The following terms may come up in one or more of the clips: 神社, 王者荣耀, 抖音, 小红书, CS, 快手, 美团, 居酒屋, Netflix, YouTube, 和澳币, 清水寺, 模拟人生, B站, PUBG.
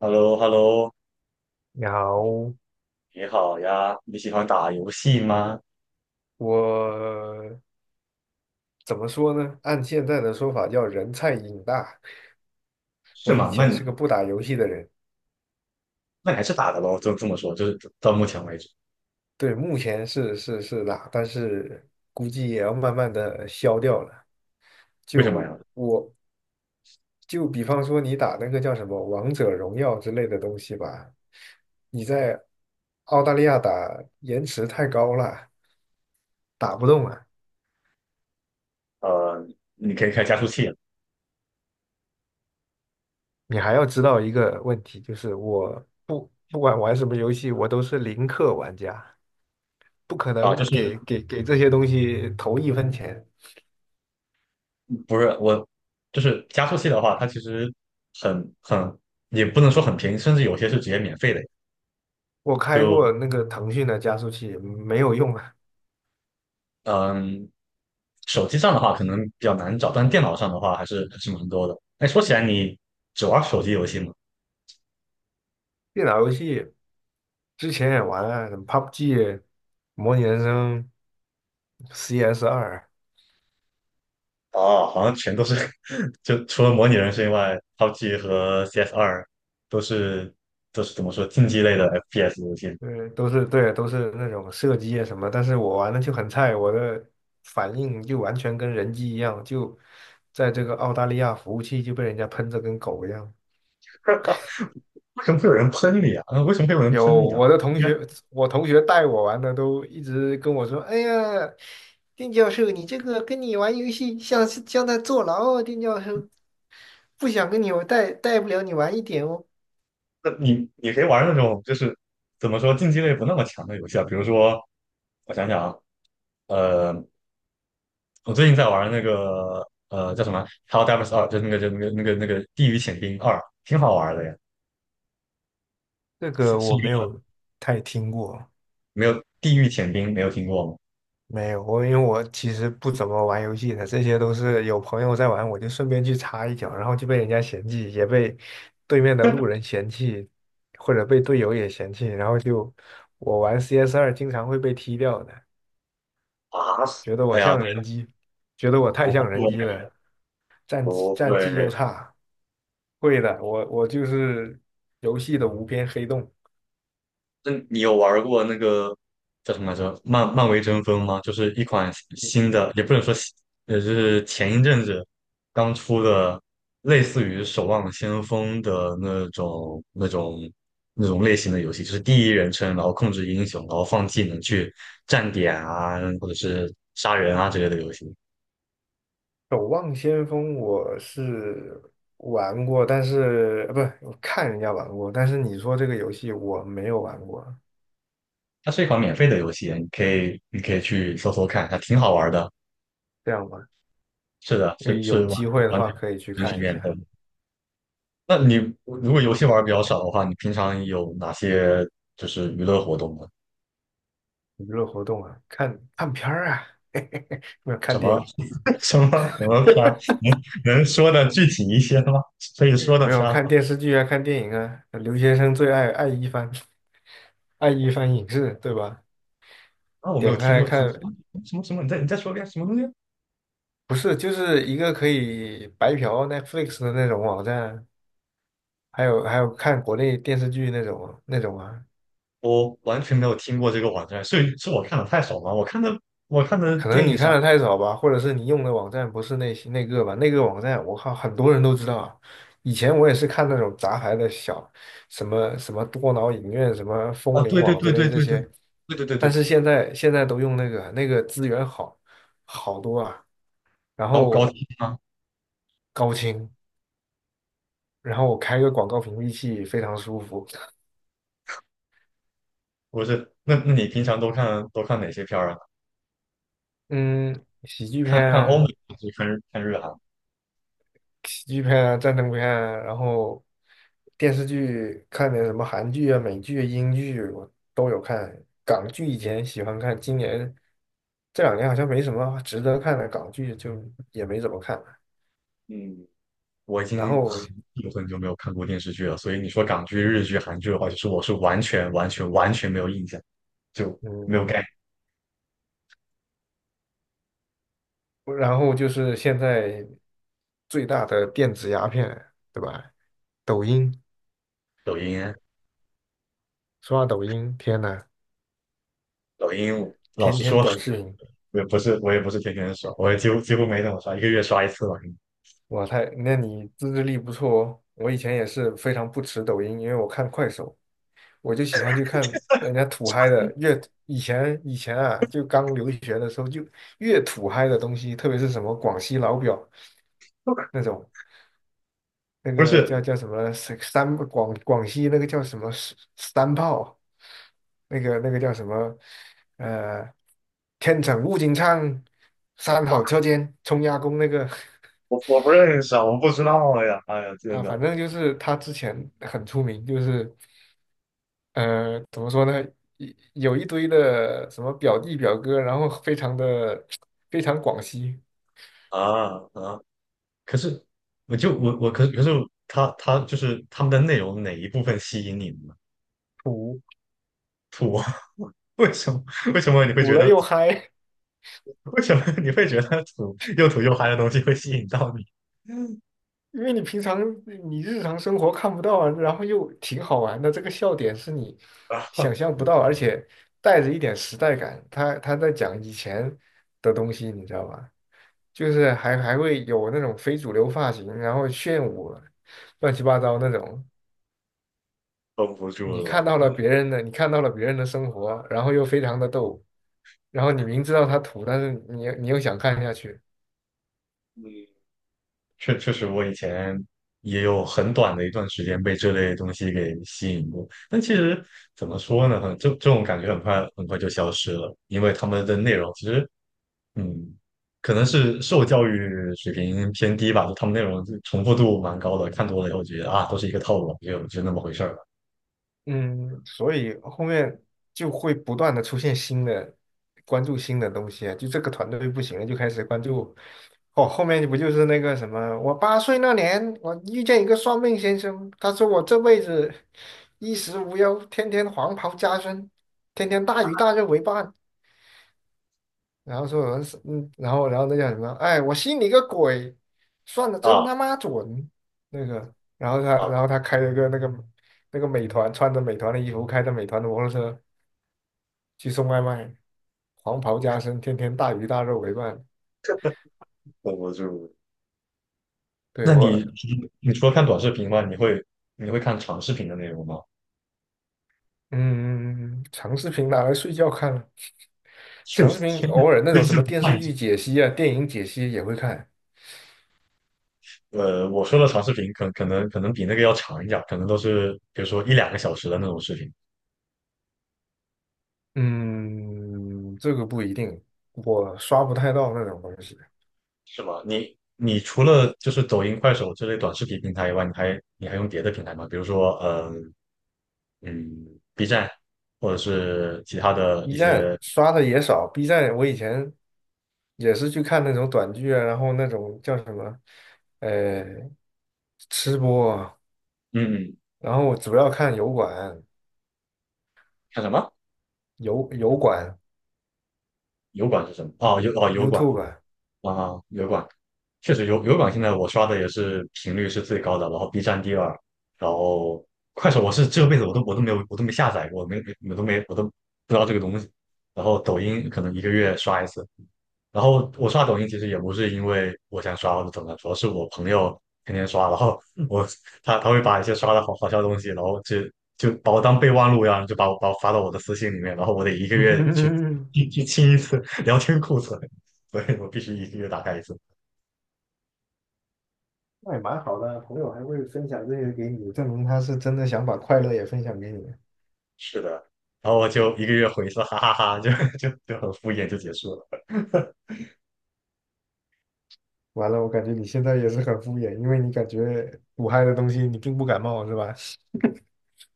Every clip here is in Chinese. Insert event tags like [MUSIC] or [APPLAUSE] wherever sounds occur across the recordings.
h e l l o h e l l o 你好，你好呀，你喜欢打游戏吗？我怎么说呢？按现在的说法叫人菜瘾大。是我以吗？那前你是个不打游戏的人，那你还是打的喽，就这么说，就是到目前为止，对，目前是打，但是估计也要慢慢的消掉了。为什么呀？就我，就比方说你打那个叫什么《王者荣耀》之类的东西吧，你在澳大利亚打延迟太高了，打不动啊。呃，你可以开加速器了你还要知道一个问题，就是我不管玩什么游戏，我都是零氪玩家，不可啊，就能是给这些东西投一分钱。不是我，就是加速器的话，它其实很也不能说很便宜，甚至有些是直接免费的。我开就过那个腾讯的加速器，没有用啊。嗯，手机上的话可能比较难找，但电脑上的话还是蛮多的。哎，说起来，你只玩手机游戏吗？电脑游戏之前也玩啊，什么 PUBG、模拟人生、CS2，啊，好像全都是 [LAUGHS] 就除了模拟人生以外，PUBG 和 CS2都是都是怎么说竞技类的 FPS 游戏。对，都是对，都是那种射击啊什么，但是我玩的就很菜，我的反应就完全跟人机一样，就在这个澳大利亚服务器就被人家喷着跟狗一样。为什么会有人喷你啊？啊为什么会有人有喷你啊？我的同应该，学，我同学带我玩的都一直跟我说："哎呀，丁教授，你这个跟你玩游戏像在坐牢啊，丁教授，不想跟你我带不了你玩一点哦。"那你可以玩那种就是怎么说竞技类不那么强的游戏啊，比如说我想想啊，呃，我最近在玩那个叫什么《Hello Divers 2》，就是那个就那个《地狱潜兵二》，挺好玩的呀。这是个是一我没个有太听过。没有《地狱潜兵》没有听过吗？没有，我因为我其实不怎么玩游戏的，这些都是有朋友在玩，我就顺便去插一脚，然后就被人家嫌弃，也被对面的路 [LAUGHS] 人嫌弃，或者被队友也嫌弃，然后就我玩 CS2经常会被踢掉的，啊，觉得我哎呀，像人机，觉得我那太像我。人机了，战绩不战绩又会，差。会的，我就是游戏的无边黑洞。那你有玩过那个叫什么来着？漫威争锋吗？就是一款新的，也不能说新，就是前一阵子刚出的，类似于《守望先锋》的那种、那种、那种类型的游戏，就是第一人称，然后控制英雄，然后放技能去站点啊，或者是杀人啊之类的游戏。守望先锋我是玩过，但是不，我看人家玩过，但是你说这个游戏我没有玩过，它是一款免费的游戏，你可以去搜搜看，还挺好玩的。这样吧，是的，是是有完机会的完话全可以去完全看一免费。下那你如果游戏玩的比较少的话，你平常有哪些就是娱乐活动呢？娱乐活动啊，看看片儿啊，[LAUGHS] 没有看什电么 影，[LAUGHS] 什么片儿？能说的具体一些吗？可以 [LAUGHS] 说的没有片儿看吗？电视剧啊，看电影啊，留学生最爱爱一番，[LAUGHS] 爱一番影视，对吧？啊，我没有点开听来过看，什么你再说一遍什么东西？不是，就是一个可以白嫖 Netflix 的那种网站。还有看国内电视剧那种啊，我完全没有听过这个网站，所以是我看的太少吗？我看的可电能影你啥看的太少吧，或者是你用的网站不是那些那个吧，那个网站我靠，很多人都知道啊。以前我也是看那种杂牌的小什么什么多脑影院、什么风啊？铃对对网之对类对这对对对些，对对但对，是现在都用那个资源好多啊，然高高后清吗？高清，然后我开个广告屏蔽器非常舒服。不是，那你平常都看哪些片儿啊？嗯，喜剧片看看欧美啊还是看日韩？喜剧片啊、战争片啊，然后电视剧看点什么韩剧啊、美剧啊英剧啊我都有看。港剧以前喜欢看，今年这两年好像没什么值得看的港剧，就也没怎么看了。嗯。我已然经后，很久很久没有看过电视剧了，所以你说港剧、日剧、韩剧的话，就是我是完全、完全、完全没有印象，就没嗯，有概念然后就是现在最大的电子鸦片，对吧？抖音，抖音啊，刷抖音，天呐，抖音，老天实天说，短视频。[LAUGHS] 我也不是天天刷，我也几乎没怎么刷，一个月刷一次吧。那你自制力不错哦。我以前也是非常不持抖音，因为我看快手，我就喜欢去看人家土嗨的，越以前以前啊，就刚留学的时候，就越土嗨的东西，特别是什么广西老表 [LAUGHS] 那种，那不个叫是，叫什么三三广广西那个叫什么三炮，那个叫什么呃，天成物金畅，三好车间冲压工那个 我不认识啊，我不知道呀，哎呀，[LAUGHS] 真啊，反的正就是他之前很出名，就是。怎么说呢？一有一堆的什么表弟表哥，然后非常广西啊啊！可是，我就我可是他就是他们的内容哪一部分吸引你呢？土，吐，[LAUGHS] 为什么为什么你会土觉了得 又嗨，[LAUGHS] 为什么你会觉得土又土又嗨的东西会吸引到你？[LAUGHS] 因为你日常生活看不到啊，然后又挺好玩的，这个笑点是你想象不到，而且带着一点时代感。他在讲以前的东西，你知道吧？就是还会有那种非主流发型，然后炫舞，乱七八糟那种。绷不住了。你看到了别人的生活，然后又非常的逗，然后你明知道他土，但是你又想看下去，嗯，确实，我以前也有很短的一段时间被这类东西给吸引过，但其实怎么说呢，这种感觉很快很快就消失了，因为他们的内容其实，嗯，可能是受教育水平偏低吧，就他们内容就重复度蛮高的，看多了以后觉得啊，都是一个套路，就那么回事儿了。嗯，所以后面就会不断的出现新的，关注新的东西啊，就这个团队不行了，就开始关注，哦，后面不就是那个什么，我8岁那年，我遇见一个算命先生，他说我这辈子衣食无忧，天天黄袍加身，天天大鱼大肉为伴，然后说有人然后那叫什么？哎，我信你个鬼！算的真啊他妈准，那个。然后他啊，然后他开了个那个美团，穿着美团的衣服，开着美团的摩托车去送外卖，黄袍加身，天天大鱼大肉为伴。这绷不住。对那我，你除了看短视频吗？你会看长视频的内容吗？嗯，长视频拿来睡觉看了，确长视实，频确实偶尔那就种什是么不电视看。剧解析啊、电影解析也会看。我说的长视频可能比那个要长一点，可能都是比如说一两个小时的那种视频，嗯，这个不一定，我刷不太到那种东西。是吗？你除了就是抖音、快手这类短视频平台以外，你还用别的平台吗？比如说，嗯，B 站，或者是其他的 B 一站些，刷的也少，B 站我以前也是去看那种短剧啊，然后那种叫什么，呃，吃播啊嗯，嗯。然后我主要看油管、看什么？油管、油管是什么？哦，油管。YouTube 啊，油管确实油管现在我刷的也是频率是最高的，然后 B 站第二，然后快手我是这辈子我都没下载过，没没我都不知道这个东西，然后抖音可能一个月刷一次，然后我刷抖音其实也不是因为我想刷或者怎么样，主要是我朋友天天刷，然后我他会把一些刷的好好笑的东西，然后就把我当备忘录一样，就把我发到我的私信里面，然后我得一个月去 [LAUGHS] 去去清一次 [LAUGHS] 聊天库存，所以我必须一个月打开一次。那也蛮好的，朋友还会分享这些给你，证明他是真的想把快乐也分享给你。是的，然后我就一个月回一次，哈哈哈就很敷衍就结束了。完了，我感觉你现在也是很敷衍，因为你感觉苦嗨的东西你并不感冒，是吧？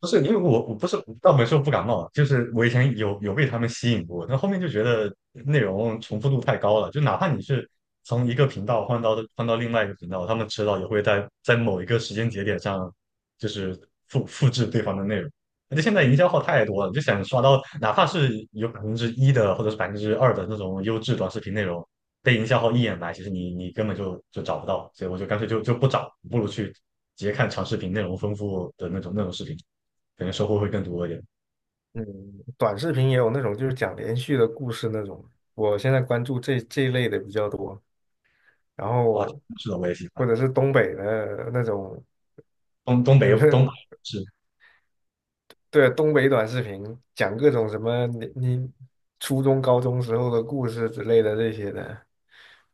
不是因为我不是倒没说不感冒，就是我以前有被他们吸引过，但后面就觉得内容重复度太高了，就哪怕你是从一个频道换到另外一个频道，他们迟早也会在某一个时间节点上，就是复制对方的内容。而且现在营销号太多了，就想刷到哪怕是有1%的或者是2%的那种优质短视频内容，被营销号一眼来，其实你根本就找不到，所以我就干脆就不找，不如去直接看长视频内容丰富的那种视频。可能收获会更多一点。嗯，短视频也有那种就是讲连续的故事那种，我现在关注这一类的比较多。然哇，后是的，我也喜或欢者是东北的那种，东北嗯，[LAUGHS] 是，对，东北短视频讲各种什么你初中高中时候的故事之类的这些的，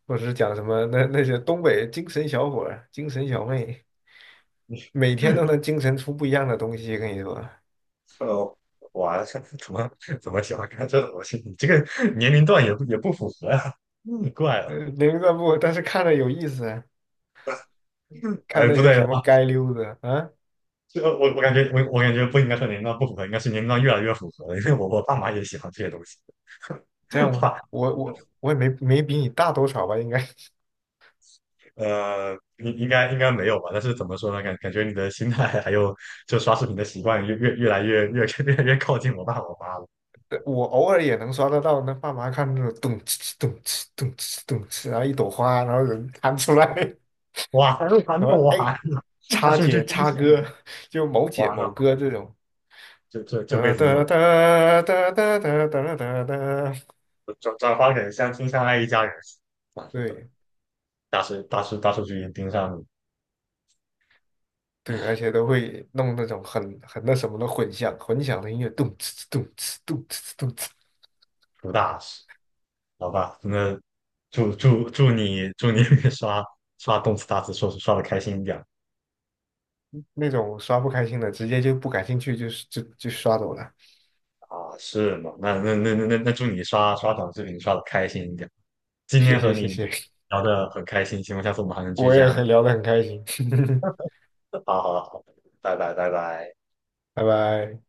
或者是讲什么那些东北精神小伙儿、精神小妹，每天都 [LAUGHS] 能精神出不一样的东西，跟你说，呃，哇，这怎么喜欢看这种东西？你这个年龄段也不符合呀、怪了。零散步，但是看着有意思啊，看哎，那不些对什啊，么街溜子啊，这个我感觉不应该说年龄段不符合，应该是年龄段越来越符合了，因为我爸妈也喜欢这些东西。这样 [LAUGHS] 吗？哇，我也没比你大多少吧，应该。呃，应该没有吧？但是怎么说呢？感觉你的心态还有就刷视频的习惯越来越 [LAUGHS] 越来越靠近我爸我妈了。我偶尔也能刷得到，那爸妈看那种咚哧哧咚哧咚哧咚哧，然后一朵花，然后人弹出来，哇，还那 [LAUGHS] 么然了后哎，完了，[LAUGHS] 那叉是这姐真叉相，哥，就某姐完了，某哥这种，这这这辈哒子哒就哒哒哒哒哒哒哒，转发给相亲相爱一家人，对大数据已盯上你对，而且都会弄那种很那什么的混响，混响的音乐，咚哧哧咚哧咚哧哧咚哧，出大事，好吧？那祝你 [LAUGHS] 刷刷动次打次说刷的开心一点那种刷不开心的，直接就不感兴趣，就是就刷走了。啊，是吗？那祝你刷短视频刷的开心一点。今谢天和谢谢你谢，聊的很开心，希望下次我们还能继续我这也样。很聊得很开心，[LAUGHS] [LAUGHS] 好好好，拜拜拜拜。拜拜。